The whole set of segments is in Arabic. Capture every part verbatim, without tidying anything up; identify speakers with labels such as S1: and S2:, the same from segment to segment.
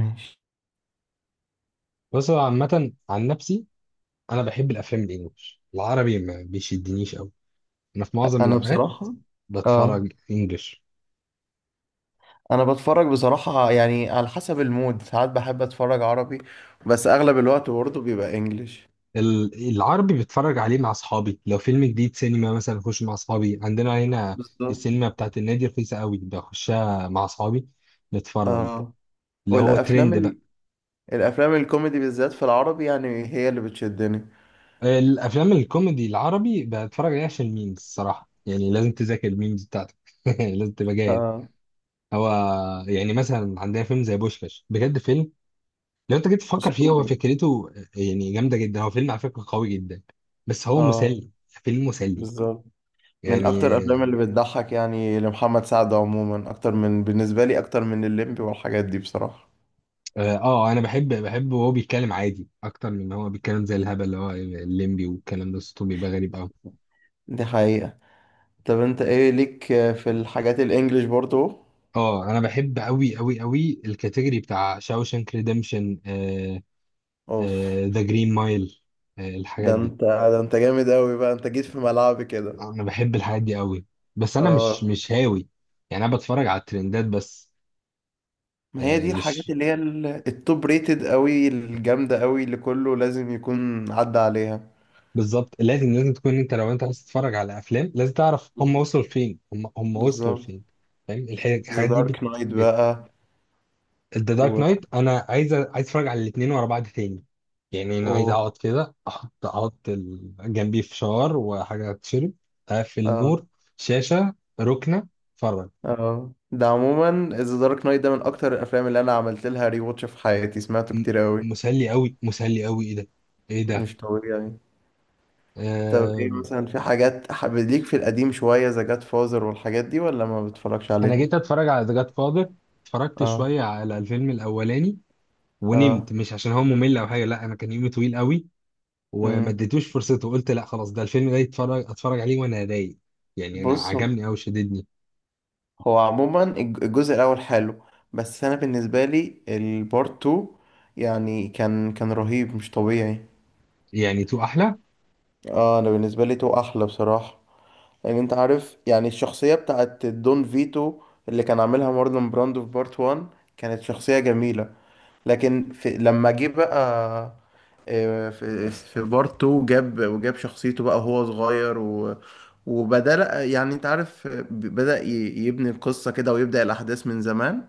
S1: ماشي.
S2: بس هو عامة عن نفسي. أنا بحب الأفلام الإنجليش، العربي ما بيشدنيش أوي. أنا في معظم
S1: انا
S2: الأوقات
S1: بصراحه، اه،
S2: بتفرج إنجليش.
S1: انا بتفرج بصراحه، يعني على حسب المود. ساعات بحب اتفرج عربي، بس اغلب الوقت برضه بيبقى انجليش.
S2: ال- العربي بتفرج عليه مع أصحابي، لو فيلم جديد سينما مثلا أخش مع أصحابي عندنا هنا.
S1: بالظبط.
S2: السينما بتاعت النادي رخيصة أوي، بخشها مع أصحابي نتفرج
S1: اه.
S2: اللي هو
S1: والافلام
S2: ترند بقى.
S1: ال... الافلام الكوميدي بالذات في العربي يعني هي اللي بتشدني.
S2: الأفلام الكوميدي العربي بتفرج عليها عشان الميمز، الصراحة يعني لازم تذاكر الميمز بتاعتك. لازم تبقى جاهز.
S1: اه.
S2: هو يعني مثلا عندنا فيلم زي بوشكاش، بجد فيلم لو انت جيت تفكر فيه، هو
S1: اسطوري.
S2: فكرته آه، يعني جامده جدا، هو فيلم على فكره قوي جدا، بس هو
S1: اه.
S2: مسلي، فيلم مسلي
S1: بالظبط. من
S2: يعني.
S1: اكتر الافلام اللي بتضحك يعني، لمحمد سعد عموما اكتر من، بالنسبه لي اكتر من الليمبي والحاجات دي بصراحه.
S2: اه، آه، انا بحب بحب وهو بيتكلم عادي اكتر من ان هو بيتكلم زي الهبل اللي هو الليمبي، والكلام ده صوته بيبقى غريب قوي.
S1: دي حقيقه. طب انت ايه ليك في الحاجات الانجليش برضه؟
S2: اه انا بحب قوي قوي قوي الكاتيجوري بتاع شاوشانك ريديمشن،
S1: اوف.
S2: ذا جرين مايل، الحاجات
S1: ده
S2: دي.
S1: انت ده انت جامد قوي بقى، انت جيت في ملعبي كده.
S2: انا بحب الحاجات دي قوي، بس انا مش
S1: اه.
S2: مش هاوي. يعني انا بتفرج على الترندات بس.
S1: ما هي
S2: آه،
S1: دي الحاجات
S2: مش
S1: اللي هي ال- التوب ريتد قوي، الجامدة قوي اللي كله لازم يكون عدى عليها.
S2: بالظبط، لازم لازم تكون انت، لو انت عايز تتفرج على افلام لازم تعرف هم
S1: بالظبط.
S2: وصلوا لفين، هم هم وصلوا
S1: بالظبط.
S2: لفين، فاهم؟ الح-
S1: ذا
S2: الحاجات دي بت
S1: دارك نايت
S2: بت
S1: بقى.
S2: ذا دارك
S1: و.
S2: نايت انا عايز عايز اتفرج على الاثنين ورا بعض تاني. يعني انا عايز
S1: و.
S2: اقعد كده، احط احط ال- جنبي فشار وحاجه تشرب، اقفل
S1: اه.
S2: نور، شاشه، ركنه، اتفرج.
S1: اه. ده عموما ذا دارك نايت ده من اكتر الافلام اللي انا عملت لها ري واتش في حياتي، سمعته
S2: م-
S1: كتير قوي.
S2: مسلي قوي مسلي قوي، ايه ده ايه ده.
S1: مش طبيعي. طب ايه
S2: آه
S1: مثلا، في حاجات حابب ليك في القديم شوية، ذا جاد فازر والحاجات دي، ولا ما بتتفرجش
S2: انا
S1: عليهم؟
S2: جيت اتفرج على ذا جاد فاذر، اتفرجت
S1: اه.
S2: شويه على الفيلم الاولاني ونمت، مش عشان هو ممل او حاجه، لا، انا كان يومي طويل قوي، وما
S1: اه.
S2: اديتوش فرصته، وقلت لا خلاص ده الفيلم ده يتفرج اتفرج عليه وانا رايق. يعني انا
S1: بص،
S2: عجبني قوي، شددني.
S1: هو عموما الج- الجزء الاول حلو، بس انا بالنسبه لي البارت تو يعني كان كان رهيب، مش طبيعي.
S2: يعني تو احلى.
S1: اه، انا بالنسبه لي تو احلى بصراحه. يعني انت عارف، يعني الشخصيه بتاعت دون فيتو اللي كان عاملها مارلون براندو في بارت وان كانت شخصيه جميله. لكن في لما جه بقى، آه، في في بارت تو جاب، وجاب شخصيته بقى وهو صغير، و، وبدأ يعني انت عارف، بدأ ي- يبني القصة كده ويبدأ الأحداث من زمان.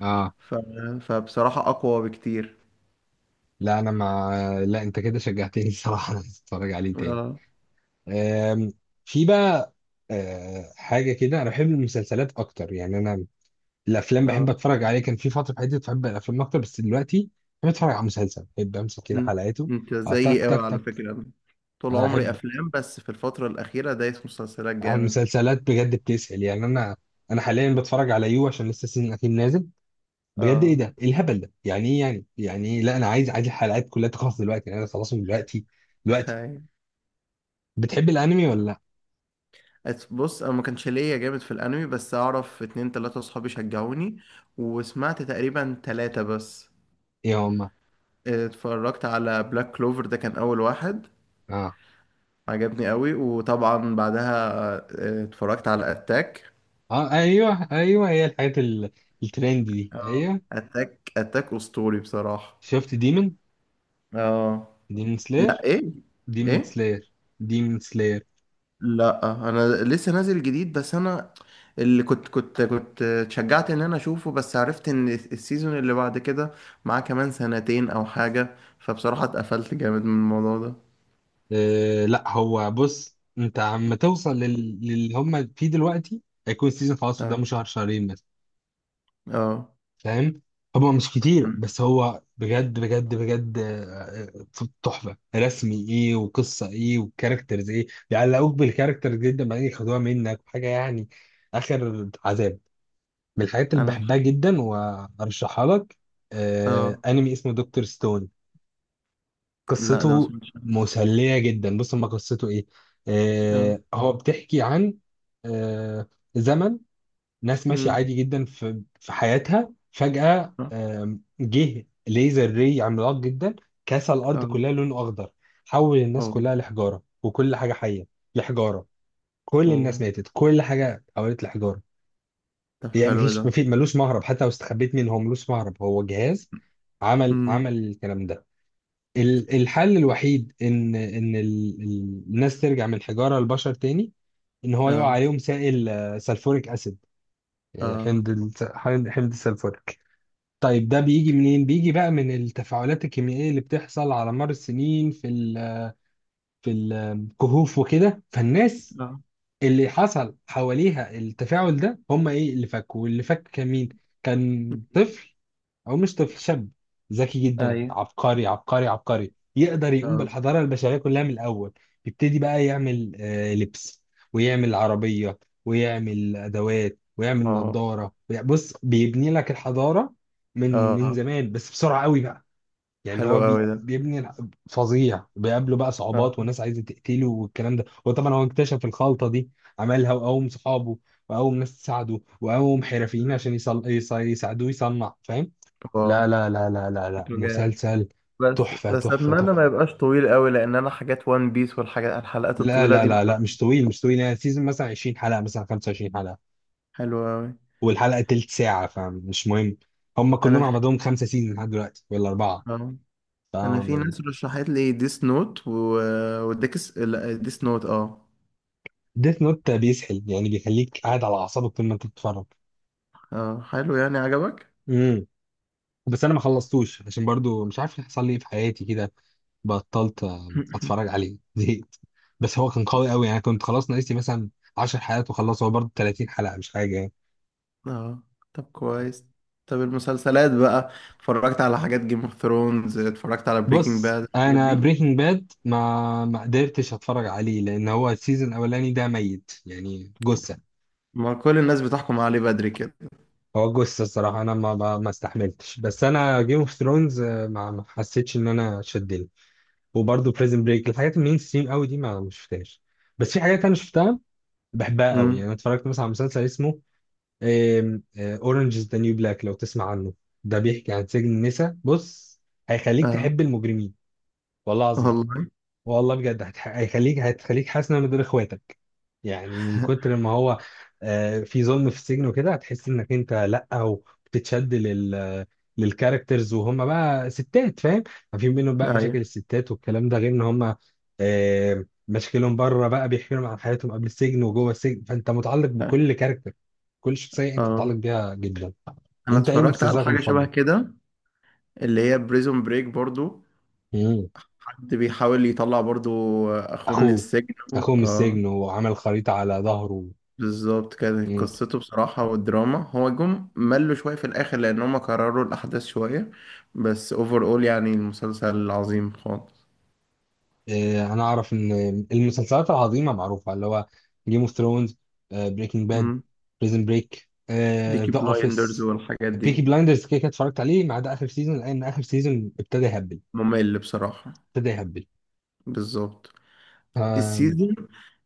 S2: اه
S1: ف... فبصراحة أقوى بكتير.
S2: لا انا ما لا، انت كده شجعتني. الصراحه انا عايز اتفرج عليه تاني.
S1: اه.
S2: آم، في بقى آه، حاجه كده، انا بحب المسلسلات اكتر يعني انا. الافلام بحب
S1: اه.
S2: اتفرج عليه، كان في فتره في حياتي بحب الافلام اكتر، بس دلوقتي بحب اتفرج على مسلسل، بحب امسك كده
S1: ان-
S2: حلقاته.
S1: انت
S2: آه،
S1: زيي
S2: تك
S1: قوي
S2: تك
S1: على
S2: تك.
S1: فكرة. أنا طول
S2: انا
S1: عمري
S2: احب
S1: أفلام، بس في الفترة الأخيرة دايس مسلسلات جامد.
S2: المسلسلات بجد، بتسحل يعني انا انا حاليا بتفرج على يو عشان لسه السيزون الاخير نازل. بجد ايه
S1: اه.
S2: ده، إيه الهبل ده، يعني ايه، يعني يعني إيه؟ لا انا عايز عايز الحلقات كلها تخلص دلوقتي، يعني انا خلاص من دلوقتي دلوقتي. بتحب الانمي ولا لا؟
S1: بص، انا ما كانش ليا جامد في الانمي، بس اعرف اتنين تلاتة اصحابي شجعوني، وسمعت تقريبا تلاتة بس.
S2: يا ماما.
S1: اتفرجت على بلاك كلوفر، ده كان اول واحد.
S2: اه
S1: عجبني قوي، وطبعا بعدها اه، اتفرجت على اتاك.
S2: اه، ايوه ايوه، هي الحاجات ال- الترند دي،
S1: اه.
S2: ايوه.
S1: اتاك، اتاك اسطوري بصراحة.
S2: شفت ديمون،
S1: اه.
S2: ديمون
S1: لا،
S2: سلاير،
S1: ايه؟
S2: ديمون
S1: ايه؟
S2: سلاير، ديمون سلاير.
S1: لا، انا لسه نازل جديد، بس انا اللي كنت كنت كنت اتشجعت ان انا اشوفه، بس عرفت ان السيزون اللي بعد كده معاه كمان سنتين او حاجة، فبصراحة اتقفلت جامد من الموضوع ده.
S2: آه لا، هو بص انت عم توصل لل... للي هم فيه دلوقتي، هيكون السيزون خلاص قدامه
S1: اه.
S2: شهر شهرين،
S1: اه.
S2: فاهم؟ هو مش كتير، بس هو بجد بجد بجد. آه، آه، تحفه رسمي، ايه وقصه ايه والكاركترز ايه، بيعلقوك بالكاركترز جدا بعدين ياخدوها منك حاجه يعني، اخر عذاب. من الحاجات اللي
S1: انا.
S2: بحبها جدا وارشحها لك آه
S1: اه.
S2: انمي اسمه دكتور ستون.
S1: لا ده ما
S2: قصته
S1: سمعتش عنه.
S2: مسليه جدا، بص ما قصته ايه.
S1: اه.
S2: آه هو بتحكي عن آه زمن، ناس ماشية
S1: امم.
S2: عادي جدا في في حياتها، فجأة
S1: اه.
S2: آم، جه ليزر ري عملاق جدا كسر الأرض
S1: اه.
S2: كلها، لونه أخضر، حول الناس
S1: اه.
S2: كلها لحجارة، وكل حاجة حية لحجارة. كل الناس
S1: اه.
S2: ماتت، كل حاجة اتحولت لحجارة.
S1: طب
S2: يعني
S1: حلو
S2: مفيش
S1: ده.
S2: مفيش ملوش مهرب، حتى لو استخبيت منه هو ملوش مهرب، هو جهاز عمل
S1: امم.
S2: عمل الكلام ده. ال- الحل الوحيد ان ان ال- ال- الناس ترجع من حجارة لبشر تاني، ان هو يقع
S1: اه.
S2: عليهم سائل آه، سلفوريك اسيد، يعني
S1: اه.
S2: حمض الس- حمض حمض السلفوريك. طيب ده بيجي منين؟ بيجي بقى من التفاعلات الكيميائية اللي بتحصل على مر السنين في ال في الكهوف وكده، فالناس
S1: اه.
S2: اللي حصل حواليها التفاعل ده هم ايه اللي فكوا، واللي فك كان مين؟ كان
S1: امم.
S2: طفل، او مش طفل، شاب ذكي جدا،
S1: ايوه.
S2: عبقري عبقري عبقري، يقدر يقوم
S1: اه.
S2: بالحضاره البشريه كلها من الاول. يبتدي بقى يعمل آه، لبس، ويعمل عربيه، ويعمل ادوات، ويعمل
S1: اه.
S2: نظاره، ويع- بص بيبني لك الحضاره من من
S1: اه.
S2: زمان، بس بسرعه قوي بقى. يعني
S1: حلو
S2: هو
S1: قوي
S2: بي
S1: ده.
S2: بيبني الح- فظيع. بيقابله بقى صعوبات،
S1: اه.
S2: وناس عايزه تقتله والكلام ده، وطبعا هو اكتشف الخلطه دي، عملها وقوم صحابه، وقوم ناس تساعده، وقوم حرفيين عشان يصل... يص- يساعدوه يصنع، فاهم؟
S1: واو،
S2: لا لا لا لا لا لا،
S1: شكله جامد.
S2: مسلسل.
S1: بس
S2: تحفة
S1: بس
S2: تحفة
S1: اتمنى
S2: تحفة.
S1: ما يبقاش طويل قوي، لان انا حاجات وان بيس والحاجات الحلقات
S2: لا
S1: الطويله
S2: لا
S1: دي
S2: لا لا،
S1: ما-
S2: مش طويل مش طويل، يعني سيزون مثلا عشرين حلقة، مثلا خمسة وعشرين حلقة،
S1: حلوه قوي.
S2: والحلقة تلت ساعة، فمش مهم. هم كلهم
S1: انا
S2: على
S1: في.
S2: بعضهم خمسة سيزون لحد دلوقتي ولا أربعة.
S1: آه.
S2: ف
S1: انا في ناس رشحت لي ديس نوت و... وديكس لا ديس نوت. اه.
S2: ديث نوت بيسحل، يعني بيخليك قاعد على أعصابك طول ما أنت بتتفرج.
S1: اه. حلو يعني، عجبك.
S2: امم، بس أنا ما خلصتوش عشان برضو مش عارف حصل لي إيه في حياتي كده، بطلت آه، أتفرج عليه. زهقت. بس هو كان قوي قوي، يعني كنت خلاص ناقص لي مثلا عشر حلقات وخلص، هو برضو تلاتين حلقة، مش حاجة يعني.
S1: اه. طب كويس. طب المسلسلات بقى، اتفرجت على حاجات جيم اوف ثرونز؟ اتفرجت على بريكنج
S2: بص
S1: باد، الحاجات
S2: انا
S1: دي.
S2: بريكنج باد ما ما قدرتش اتفرج عليه، لان هو السيزون الاولاني ده ميت، يعني جثه،
S1: ما كل الناس بتحكم عليه بدري كده.
S2: هو جثه الصراحه، انا ما ما ما استحملتش. بس انا جيم اوف ثرونز ما ما حسيتش ان انا شدني، وبرضه بريزن بريك الحاجات المين ستريم قوي دي ما ما شفتهاش. بس في حاجات انا شفتها، بحبها قوي، يعني
S1: امم.
S2: أنا اتفرجت مثلا على مسلسل اسمه اورنج از ذا نيو بلاك، لو تسمع عنه. ده بيحكي عن سجن النساء، بص هيخليك
S1: اه.
S2: تحب المجرمين، والله العظيم،
S1: والله.
S2: والله بجد. هتح- هيخليك، هتخليك حاسس انك من دول، اخواتك يعني، من كتر ما هو آه، في ظلم في السجن وكده هتحس انك انت، لا، وبتتشد لل للكاركترز وهم بقى ستات، فاهم؟ في منهم بقى مشاكل
S1: ايوه.
S2: الستات والكلام ده، غير ان هم آه، مشاكلهم بره بقى، بيحكي لهم عن حياتهم قبل السجن وجوه السجن، فانت متعلق
S1: أيوة.
S2: بكل كاركتر، كل شخصيه انت
S1: اه.
S2: متعلق بيها جدا.
S1: انا
S2: انت ايه
S1: اتفرجت على
S2: مسلسلك
S1: حاجه شبه
S2: المفضل؟
S1: كده، اللي هي بريزون بريك برضو،
S2: مم.
S1: حد بيحاول يطلع برضو اخوه من
S2: اخوه
S1: السجن و-
S2: اخوه من
S1: اه.
S2: السجن وعمل خريطه على ظهره.
S1: بالظبط، كانت قصته بصراحة، والدراما هو جم ملوا شوية في الآخر لأن هما كرروا الأحداث شوية. بس اوفر اول يعني المسلسل عظيم خالص.
S2: آه، انا اعرف ان المسلسلات العظيمه معروفه، اللي هو جيم اوف ثرونز، بريكنج باد،
S1: امم.
S2: بريزن بريك،
S1: بيكي
S2: ذا
S1: بلايندرز
S2: اوفيس،
S1: والحاجات دي.
S2: بيكي بلايندرز كده كده اتفرجت عليه، ما عدا اخر سيزون لان اخر سيزون ابتدى يهبل،
S1: ممل بصراحة.
S2: ابتدى يهبل.
S1: بالظبط.
S2: آه،
S1: السيزون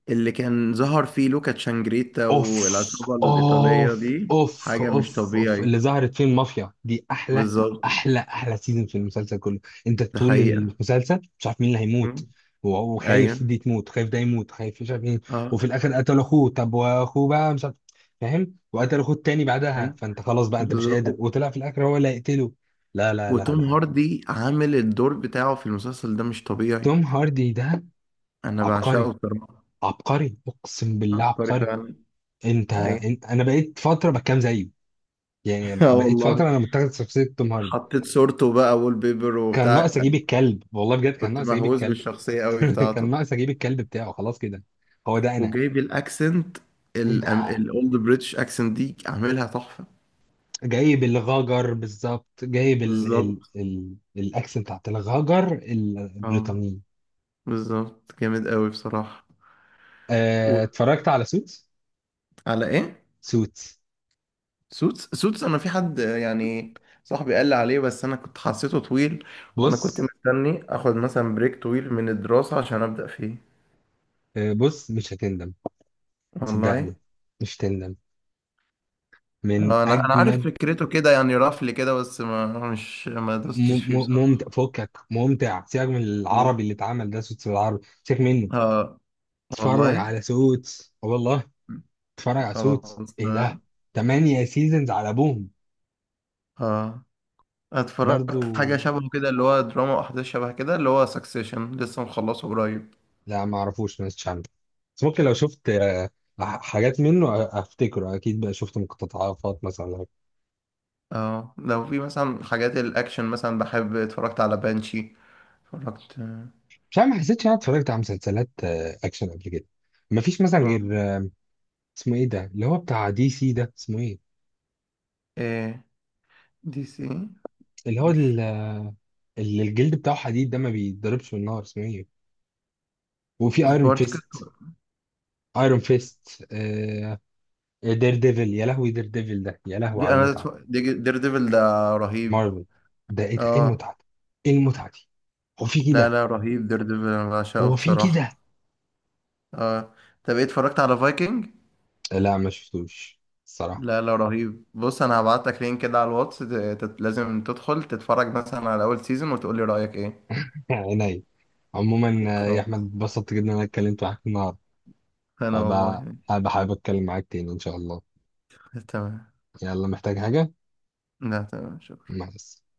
S1: اللي كان ظهر فيه لوكا تشانجريتا
S2: اوف
S1: والعصابة الإيطالية
S2: اوف
S1: دي،
S2: اوف
S1: حاجة مش
S2: اوف اوف،
S1: طبيعي.
S2: اللي ظهرت فيه المافيا دي احلى،
S1: بالظبط.
S2: احلى احلى سيزون في المسلسل كله. انت
S1: ده
S2: طول
S1: حقيقة.
S2: المسلسل مش عارف مين اللي هيموت، و-
S1: ايوه.
S2: وخايف دي تموت، خايف ده يموت، خايف مش عارف مين.
S1: اه.
S2: وفي الاخر قتل اخوه، طب واخوه بقى مش عارف، فاهم؟ وقتل اخوه التاني بعدها،
S1: ايوه.
S2: فانت خلاص بقى انت مش
S1: بالظبط.
S2: قادر، وطلع في الاخر هو اللي هيقتله. لا لا لا
S1: وتوم
S2: لا.
S1: هاردي عامل الدور بتاعه في المسلسل ده مش طبيعي.
S2: توم هاردي ده
S1: انا
S2: عبقري،
S1: بعشقه بصراحه.
S2: عبقري، اقسم بالله
S1: عبقري
S2: عبقري.
S1: فعلا.
S2: انت.
S1: ايوه.
S2: إن- انا بقيت فتره بكام زيه، يعني
S1: اه
S2: بقيت
S1: والله.
S2: فترة أنا متخذ شخصية توم هاردي.
S1: حطيت صورته بقى وول بيبر
S2: كان
S1: وبتاع.
S2: ناقص أجيب الكلب، والله بجد، كان
S1: كنت
S2: ناقص أجيب
S1: مهووس
S2: الكلب.
S1: بالشخصيه قوي
S2: كان
S1: بتاعته.
S2: ناقص أجيب الكلب بتاعه، خلاص كده هو ده أنا.
S1: وجايب الاكسنت،
S2: إيه ده،
S1: الاولد بريتش اكسنت دي عاملها تحفه.
S2: جايب الغاجر بالظبط، جايب ال ال
S1: بالظبط.
S2: ال الأكس بتاعت الغاجر
S1: اه.
S2: البريطانية.
S1: بالظبط، جامد قوي بصراحه.
S2: آه، اتفرجت على سوتس.
S1: وعلى ايه؟
S2: سوتس
S1: سوتس؟ سوتس انا في حد، آه، يعني صاحبي قال لي عليه، بس انا كنت حسيته طويل، وانا كنت
S2: بص،
S1: مستني اخد مثلا بريك طويل من الدراسة عشان ابدأ فيه.
S2: آه، بص مش هتندم،
S1: والله.
S2: صدقني مش هتندم، من
S1: آه، انا، انا عارف
S2: أجمد.
S1: فكرته كده، يعني رفل كده، بس ما مش ما دوستش
S2: م-
S1: فيه
S2: م- ممتع،
S1: بصراحة.
S2: فكك، ممتع، سيبك من
S1: والله.
S2: العربي اللي اتعمل، ده سوتس بالعربي سيبك منه.
S1: اه
S2: اتفرج
S1: والله.
S2: على سوتس، آه والله، اتفرج على سوتس،
S1: خلاص.
S2: ايه ده. تمانية سيزونز على ابوهم.
S1: اه.
S2: برضو،
S1: اتفرجت حاجة شبه كده، اللي هو دراما واحداث شبه كده، اللي هو سكسيشن، لسه مخلصه قريب.
S2: لا ما اعرفوش، ما عارف، بس ممكن لو شفت آه، ح- حاجات منه أ- افتكره اكيد، بقى شفت مقتطفات مثلا ولا حاجة.
S1: اه، لو في مثلا حاجات الاكشن مثلا بحب، اتفرجت على بانشي. اتفرجت.
S2: مش عارف، ما حسيتش إن انا اتفرجت على مسلسلات آه، اكشن قبل كده، ما فيش مثلا
S1: آه،
S2: غير آه، اسمه ايه ده اللي هو بتاع دي سي ده، اسمه ايه؟
S1: ايه دي سي؟
S2: اللي هو
S1: مش
S2: ال- اللي الجلد بتاعه حديد ده، ما بيتضربش بالنار، اسمه ايه؟ وفي ايرون
S1: سبارتكس.
S2: فيست. ايرون فيست، دير ديفل، يا لهوي دير ديفل ده، يا لهوي
S1: دي
S2: على
S1: انا
S2: المتعه.
S1: اتف- دي دير ديفل ده رهيب.
S2: مارفل. ده ايه ده، ايه
S1: اه.
S2: المتعه دي، ايه المتعه دي، هو في
S1: لا
S2: كده؟
S1: لا، رهيب، دير ديفل انا بعشقه
S2: هو في كده؟
S1: بصراحة. اه. طب ايه، اتفرجت على فايكنج؟
S2: لا ما شفتوش الصراحه.
S1: لا لا، رهيب. بص انا هبعت لك لينك كده على الواتس، ت- تت- لازم تدخل تتفرج مثلا على اول سيزون وتقولي رأيك ايه.
S2: عيني، عموما آه، يا احمد
S1: خلاص.
S2: اتبسطت جدا ان انا اتكلمت معاك النهارده،
S1: انا
S2: هبقى
S1: والله.
S2: هبقى حابب اتكلم معاك تاني ان شاء الله.
S1: تمام.
S2: يلا، محتاج حاجه؟
S1: لا، تمام.
S2: مع السلامه.